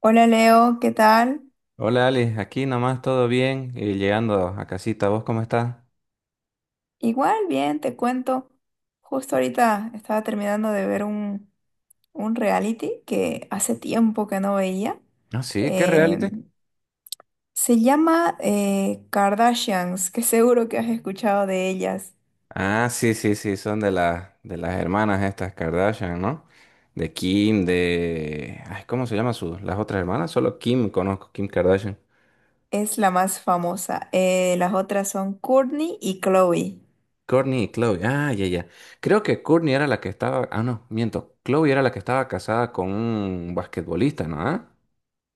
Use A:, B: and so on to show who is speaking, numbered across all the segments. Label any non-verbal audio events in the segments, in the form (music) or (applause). A: Hola Leo, ¿qué tal?
B: Hola Ali, aquí nomás todo bien y llegando a casita, ¿vos cómo estás?
A: Igual, bien, te cuento. Justo ahorita estaba terminando de ver un reality que hace tiempo que no veía.
B: Ah, sí, ¿qué
A: Eh,
B: reality?
A: Se llama Kardashians, que seguro que has escuchado de ellas.
B: Ah, sí, sí, sí, son de las hermanas estas Kardashian, ¿no? De Kim, de ay, ¿cómo se llama su las otras hermanas? Solo Kim conozco, Kim Kardashian.
A: Es la más famosa. Las otras son Kourtney y Chloe.
B: Kourtney y Chloe. Ah, ya, ya. Creo que Kourtney era la que estaba, ah, no, miento. Chloe era la que estaba casada con un basquetbolista, ¿no? ¿Ah?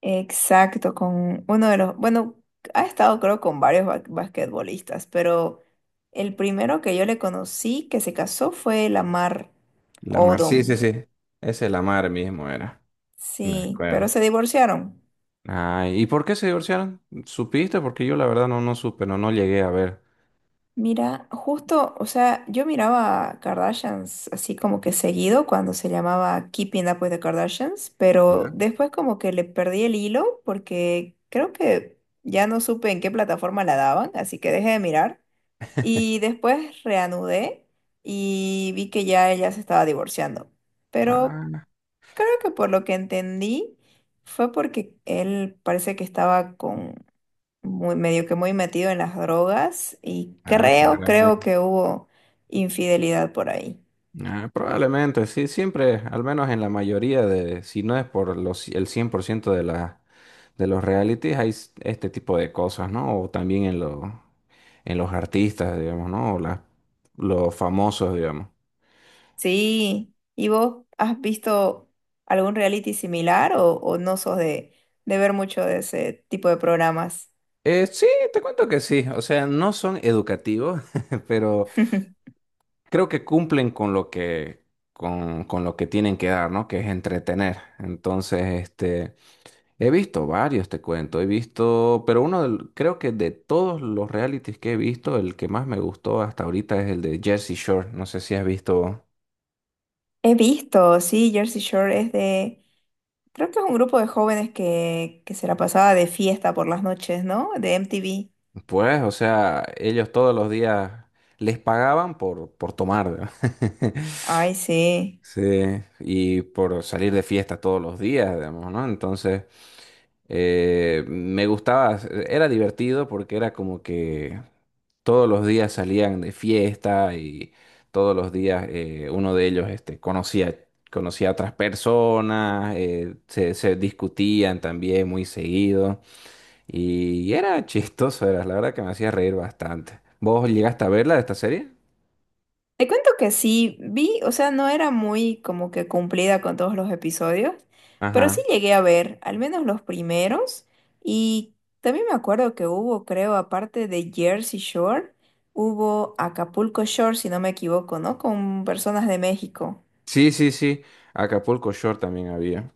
A: Exacto, con uno de los, bueno, ha estado creo con varios basquetbolistas, pero el primero que yo le conocí que se casó fue Lamar
B: Lamar, sí, sí,
A: Odom.
B: sí. Ese Lamar mismo era. Me
A: Sí, pero
B: acuerdo.
A: se divorciaron.
B: Ah, ¿y por qué se divorciaron? ¿Supiste? Porque yo la verdad no supe, no llegué a ver.
A: Mira, justo, o sea, yo miraba a Kardashians así como que seguido cuando se llamaba Keeping Up with the Kardashians, pero
B: ¿Ya?
A: después como que le perdí el hilo porque creo que ya no supe en qué plataforma la daban, así que dejé de mirar. Y después reanudé y vi que ya ella se estaba divorciando. Pero
B: Ah,
A: creo que por lo que entendí fue porque él parece que estaba con muy medio que muy metido en las drogas y
B: ah, caray.
A: creo que hubo infidelidad por ahí.
B: Ah, probablemente, sí, siempre, al menos en la mayoría de, si no es por los, el 100% de la, de los realities, hay este tipo de cosas, ¿no? O también en, en los artistas, digamos, ¿no? O los famosos, digamos.
A: Sí, ¿y vos has visto algún reality similar o no sos de ver mucho de ese tipo de programas?
B: Sí, te cuento que sí, o sea, no son educativos, (laughs) pero creo que cumplen con con lo que tienen que dar, ¿no? Que es entretener. Entonces, este, he visto varios, te cuento, he visto, pero creo que de todos los realities que he visto, el que más me gustó hasta ahorita es el de Jersey Shore. No sé si has visto,
A: He visto, sí, Jersey Shore es de. Creo que es un grupo de jóvenes que se la pasaba de fiesta por las noches, ¿no? De MTV.
B: pues, o sea, ellos todos los días les pagaban por tomar, ¿verdad? (laughs)
A: Ay, sí.
B: Sí, y por salir de fiesta todos los días, digamos, ¿no? Entonces... me gustaba, era divertido porque era como que todos los días salían de fiesta y todos los días uno de ellos este, conocía, conocía a otras personas, se discutían también muy seguido y era chistoso, era la verdad que me hacía reír bastante. ¿Vos llegaste a verla esta serie?
A: Te cuento que sí, vi, o sea, no era muy como que cumplida con todos los episodios, pero sí
B: Ajá.
A: llegué a ver, al menos los primeros, y también me acuerdo que hubo, creo, aparte de Jersey Shore, hubo Acapulco Shore, si no me equivoco, ¿no? Con personas de México.
B: Sí, sí, sí. Acapulco Shore también había.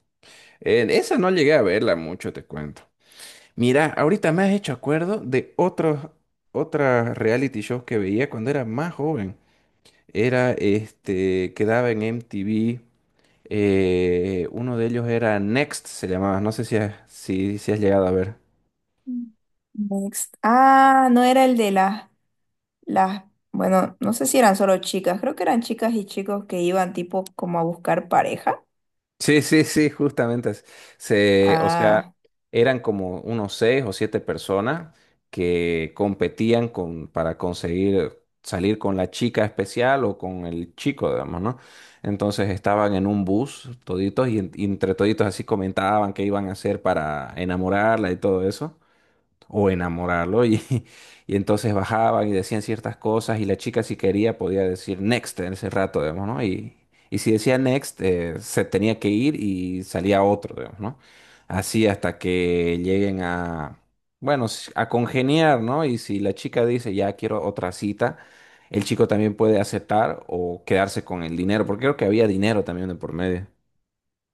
B: En esa no llegué a verla mucho, te cuento. Mira, ahorita me has hecho acuerdo de otros, otras reality shows que veía cuando era más joven. Era este, quedaba en MTV. Uno de ellos era Next, se llamaba. No sé si, si has llegado a ver.
A: Mm. Next. Ah, no era el de las. Las, bueno, no sé si eran solo chicas, creo que eran chicas y chicos que iban tipo como a buscar pareja.
B: Sí, sí, sí, justamente. Se, o sea,
A: Ah,
B: eran como unos 6 o 7 personas que competían para conseguir salir con la chica especial o con el chico, digamos, ¿no? Entonces estaban en un bus toditos y entre toditos así comentaban qué iban a hacer para enamorarla y todo eso o enamorarlo y, (laughs) y entonces bajaban y decían ciertas cosas y la chica si quería podía decir next en ese rato, digamos, ¿no? Y si decía next se tenía que ir y salía otro, digamos, ¿no? Así hasta que lleguen a, bueno, a congeniar, ¿no? Y si la chica dice ya quiero otra cita, el chico también puede aceptar o quedarse con el dinero, porque creo que había dinero también de por medio. (laughs)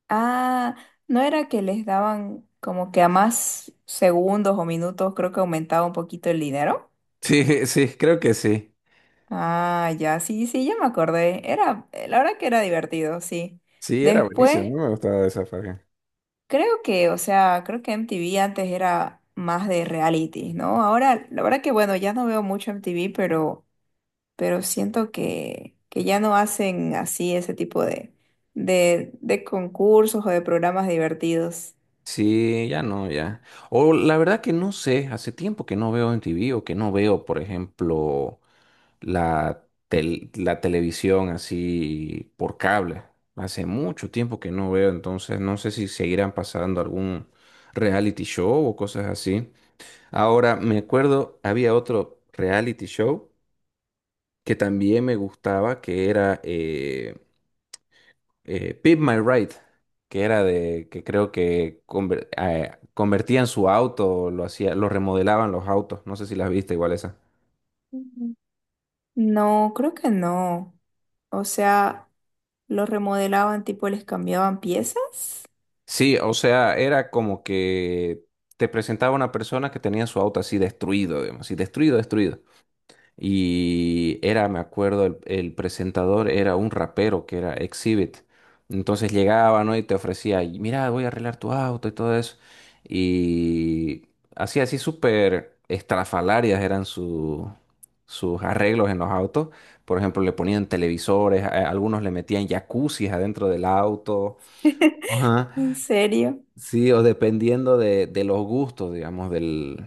A: ah, no era que les daban como que a más segundos o minutos, creo que aumentaba un poquito el dinero.
B: Sí, sí, creo que sí.
A: Ah, ya, sí, sí, ya me acordé. Era, la verdad que era divertido, sí.
B: Sí, era buenísimo,
A: Después,
B: a mí me gustaba esa saga.
A: creo que, o sea, creo que MTV antes era más de reality, ¿no? Ahora, la verdad que bueno, ya no veo mucho MTV, pero siento que ya no hacen así ese tipo de concursos o de programas divertidos.
B: Sí, ya no, ya. O la verdad que no sé, hace tiempo que no veo en MTV o que no veo, por ejemplo, la televisión así por cable. Hace mucho tiempo que no veo, entonces no sé si seguirán pasando algún reality show o cosas así. Ahora, me acuerdo, había otro reality show que también me gustaba, que era Pimp My Ride, que era de que creo que convertían su auto, lo hacía, lo remodelaban los autos, no sé si las viste igual esa.
A: Ujú. No, creo que no. O sea, los remodelaban, tipo, les cambiaban piezas.
B: Sí, o sea, era como que te presentaba una persona que tenía su auto así destruido, digamos, así destruido, destruido. Y era, me acuerdo, el presentador era un rapero que era Exhibit. Entonces llegaba, ¿no? Y te ofrecía, "Y mira, voy a arreglar tu auto y todo eso. Y así, así súper estrafalarias eran sus arreglos en los autos. Por ejemplo, le ponían televisores, a algunos le metían jacuzzis adentro del auto.
A: (laughs) ¿En
B: Ajá.
A: serio?
B: Sí, o dependiendo de los gustos, digamos, del,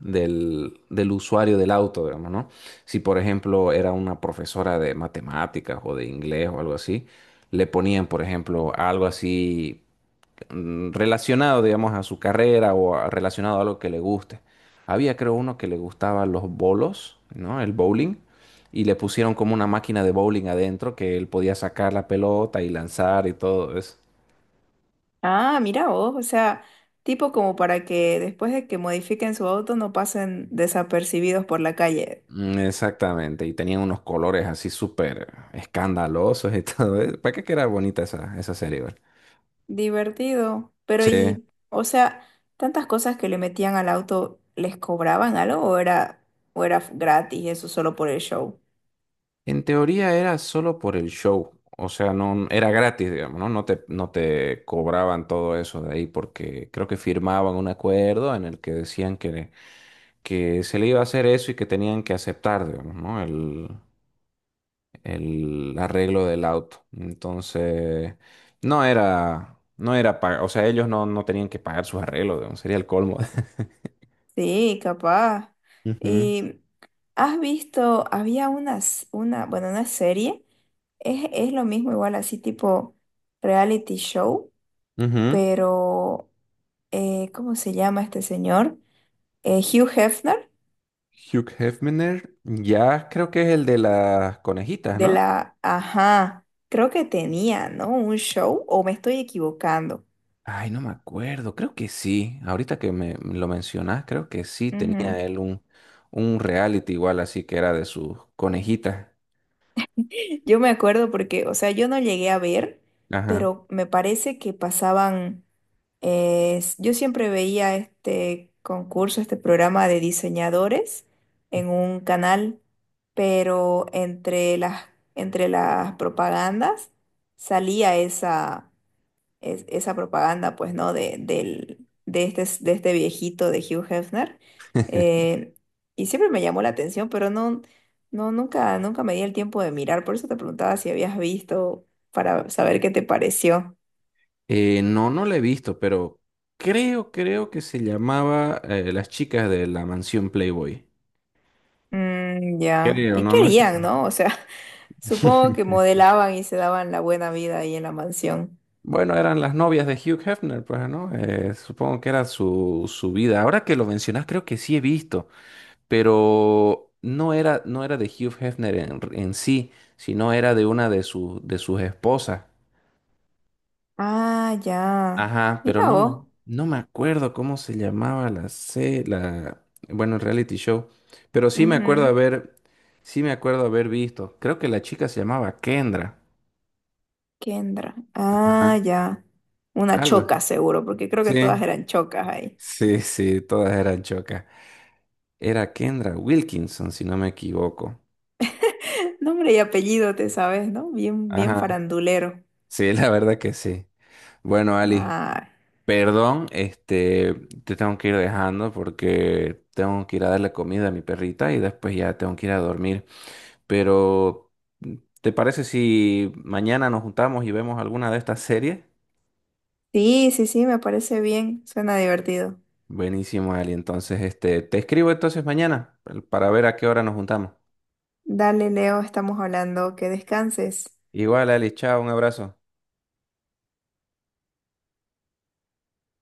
B: del, del usuario del auto, digamos, ¿no? Si, por ejemplo, era una profesora de matemáticas o de inglés o algo así, le ponían, por ejemplo, algo así relacionado, digamos, a su carrera o relacionado a algo que le guste. Había, creo, uno que le gustaba los bolos, ¿no? El bowling. Y le pusieron como una máquina de bowling adentro que él podía sacar la pelota y lanzar y todo eso.
A: Ah, mira vos, o sea, tipo como para que después de que modifiquen su auto no pasen desapercibidos por la calle.
B: Exactamente, y tenían unos colores así súper escandalosos y (laughs) todo. Eso. ¿Para qué que era bonita esa, esa serie, güey?
A: Divertido. Pero
B: Sí.
A: y, o sea, tantas cosas que le metían al auto, ¿les cobraban algo o o era gratis eso solo por el show?
B: En teoría era solo por el show, o sea, no era gratis, digamos, ¿no? No te cobraban todo eso de ahí porque creo que firmaban un acuerdo en el que decían que se le iba a hacer eso y que tenían que aceptar, digamos, ¿no? El arreglo del auto. Entonces, no era pagar, o sea, ellos no tenían que pagar sus arreglos, digamos, sería el colmo. (laughs)
A: Sí, capaz.
B: Ujú,
A: Y has visto, había unas, una, bueno, una serie, es lo mismo igual así tipo reality show,
B: ujú.
A: pero ¿cómo se llama este señor? Hugh Hefner
B: Hugh Hefner, ya creo que es el de las conejitas,
A: de
B: ¿no?
A: la, ajá, creo que tenía, ¿no? Un show o me estoy equivocando.
B: Ay, no me acuerdo, creo que sí. Ahorita que me lo mencionás, creo que sí tenía
A: Ujú.
B: él un reality igual, así que era de sus conejitas.
A: Yo me acuerdo porque, o sea, yo no llegué a ver,
B: Ajá.
A: pero me parece que pasaban, yo siempre veía este concurso, este programa de diseñadores en un canal, pero entre las propagandas salía esa esa propaganda, pues, ¿no? De este viejito de Hugh Hefner. Eh, y siempre me llamó la atención, pero no, nunca, nunca me di el tiempo de mirar. Por eso te preguntaba si habías visto para saber qué te pareció.
B: No, no la he visto, pero creo que se llamaba Las chicas de la mansión Playboy.
A: Mm, ya.
B: Creo,
A: ¿Y
B: no,
A: qué
B: no estoy
A: harían,
B: seguro.
A: no? O sea, (laughs) supongo que
B: (laughs)
A: modelaban y se daban la buena vida ahí en la mansión.
B: Bueno, eran las novias de Hugh Hefner, pues, ¿no? Supongo que era su, su vida. Ahora que lo mencionas, creo que sí he visto, pero no era de Hugh Hefner en sí, sino era de una de sus esposas.
A: Ah, ya.
B: Ajá, pero
A: Mira vos.
B: no me acuerdo cómo se llamaba la, bueno, el reality show. Pero sí me
A: Ujú.
B: acuerdo haber, sí me acuerdo haber visto. Creo que la chica se llamaba Kendra.
A: Kendra.
B: Ajá,
A: Ah, ya. Una
B: algo.
A: choca seguro, porque creo que todas
B: Sí,
A: eran chocas ahí.
B: sí, sí, todas eran chocas. Era Kendra Wilkinson, si no me equivoco.
A: (laughs) Nombre y apellido, te sabes, ¿no? Bien, bien
B: Ajá.
A: farandulero.
B: Sí, la verdad que sí. Bueno, Ali,
A: Ah,
B: perdón, este, te tengo que ir dejando porque tengo que ir a darle comida a mi perrita y después ya tengo que ir a dormir. Pero, ¿te parece si mañana nos juntamos y vemos alguna de estas series?
A: sí, sí, sí, me parece bien. Suena divertido.
B: Buenísimo, Ali. Entonces, este, te escribo entonces mañana para ver a qué hora nos juntamos.
A: Dale, Leo, estamos hablando. Que descanses.
B: Igual, Ali, chao, un abrazo.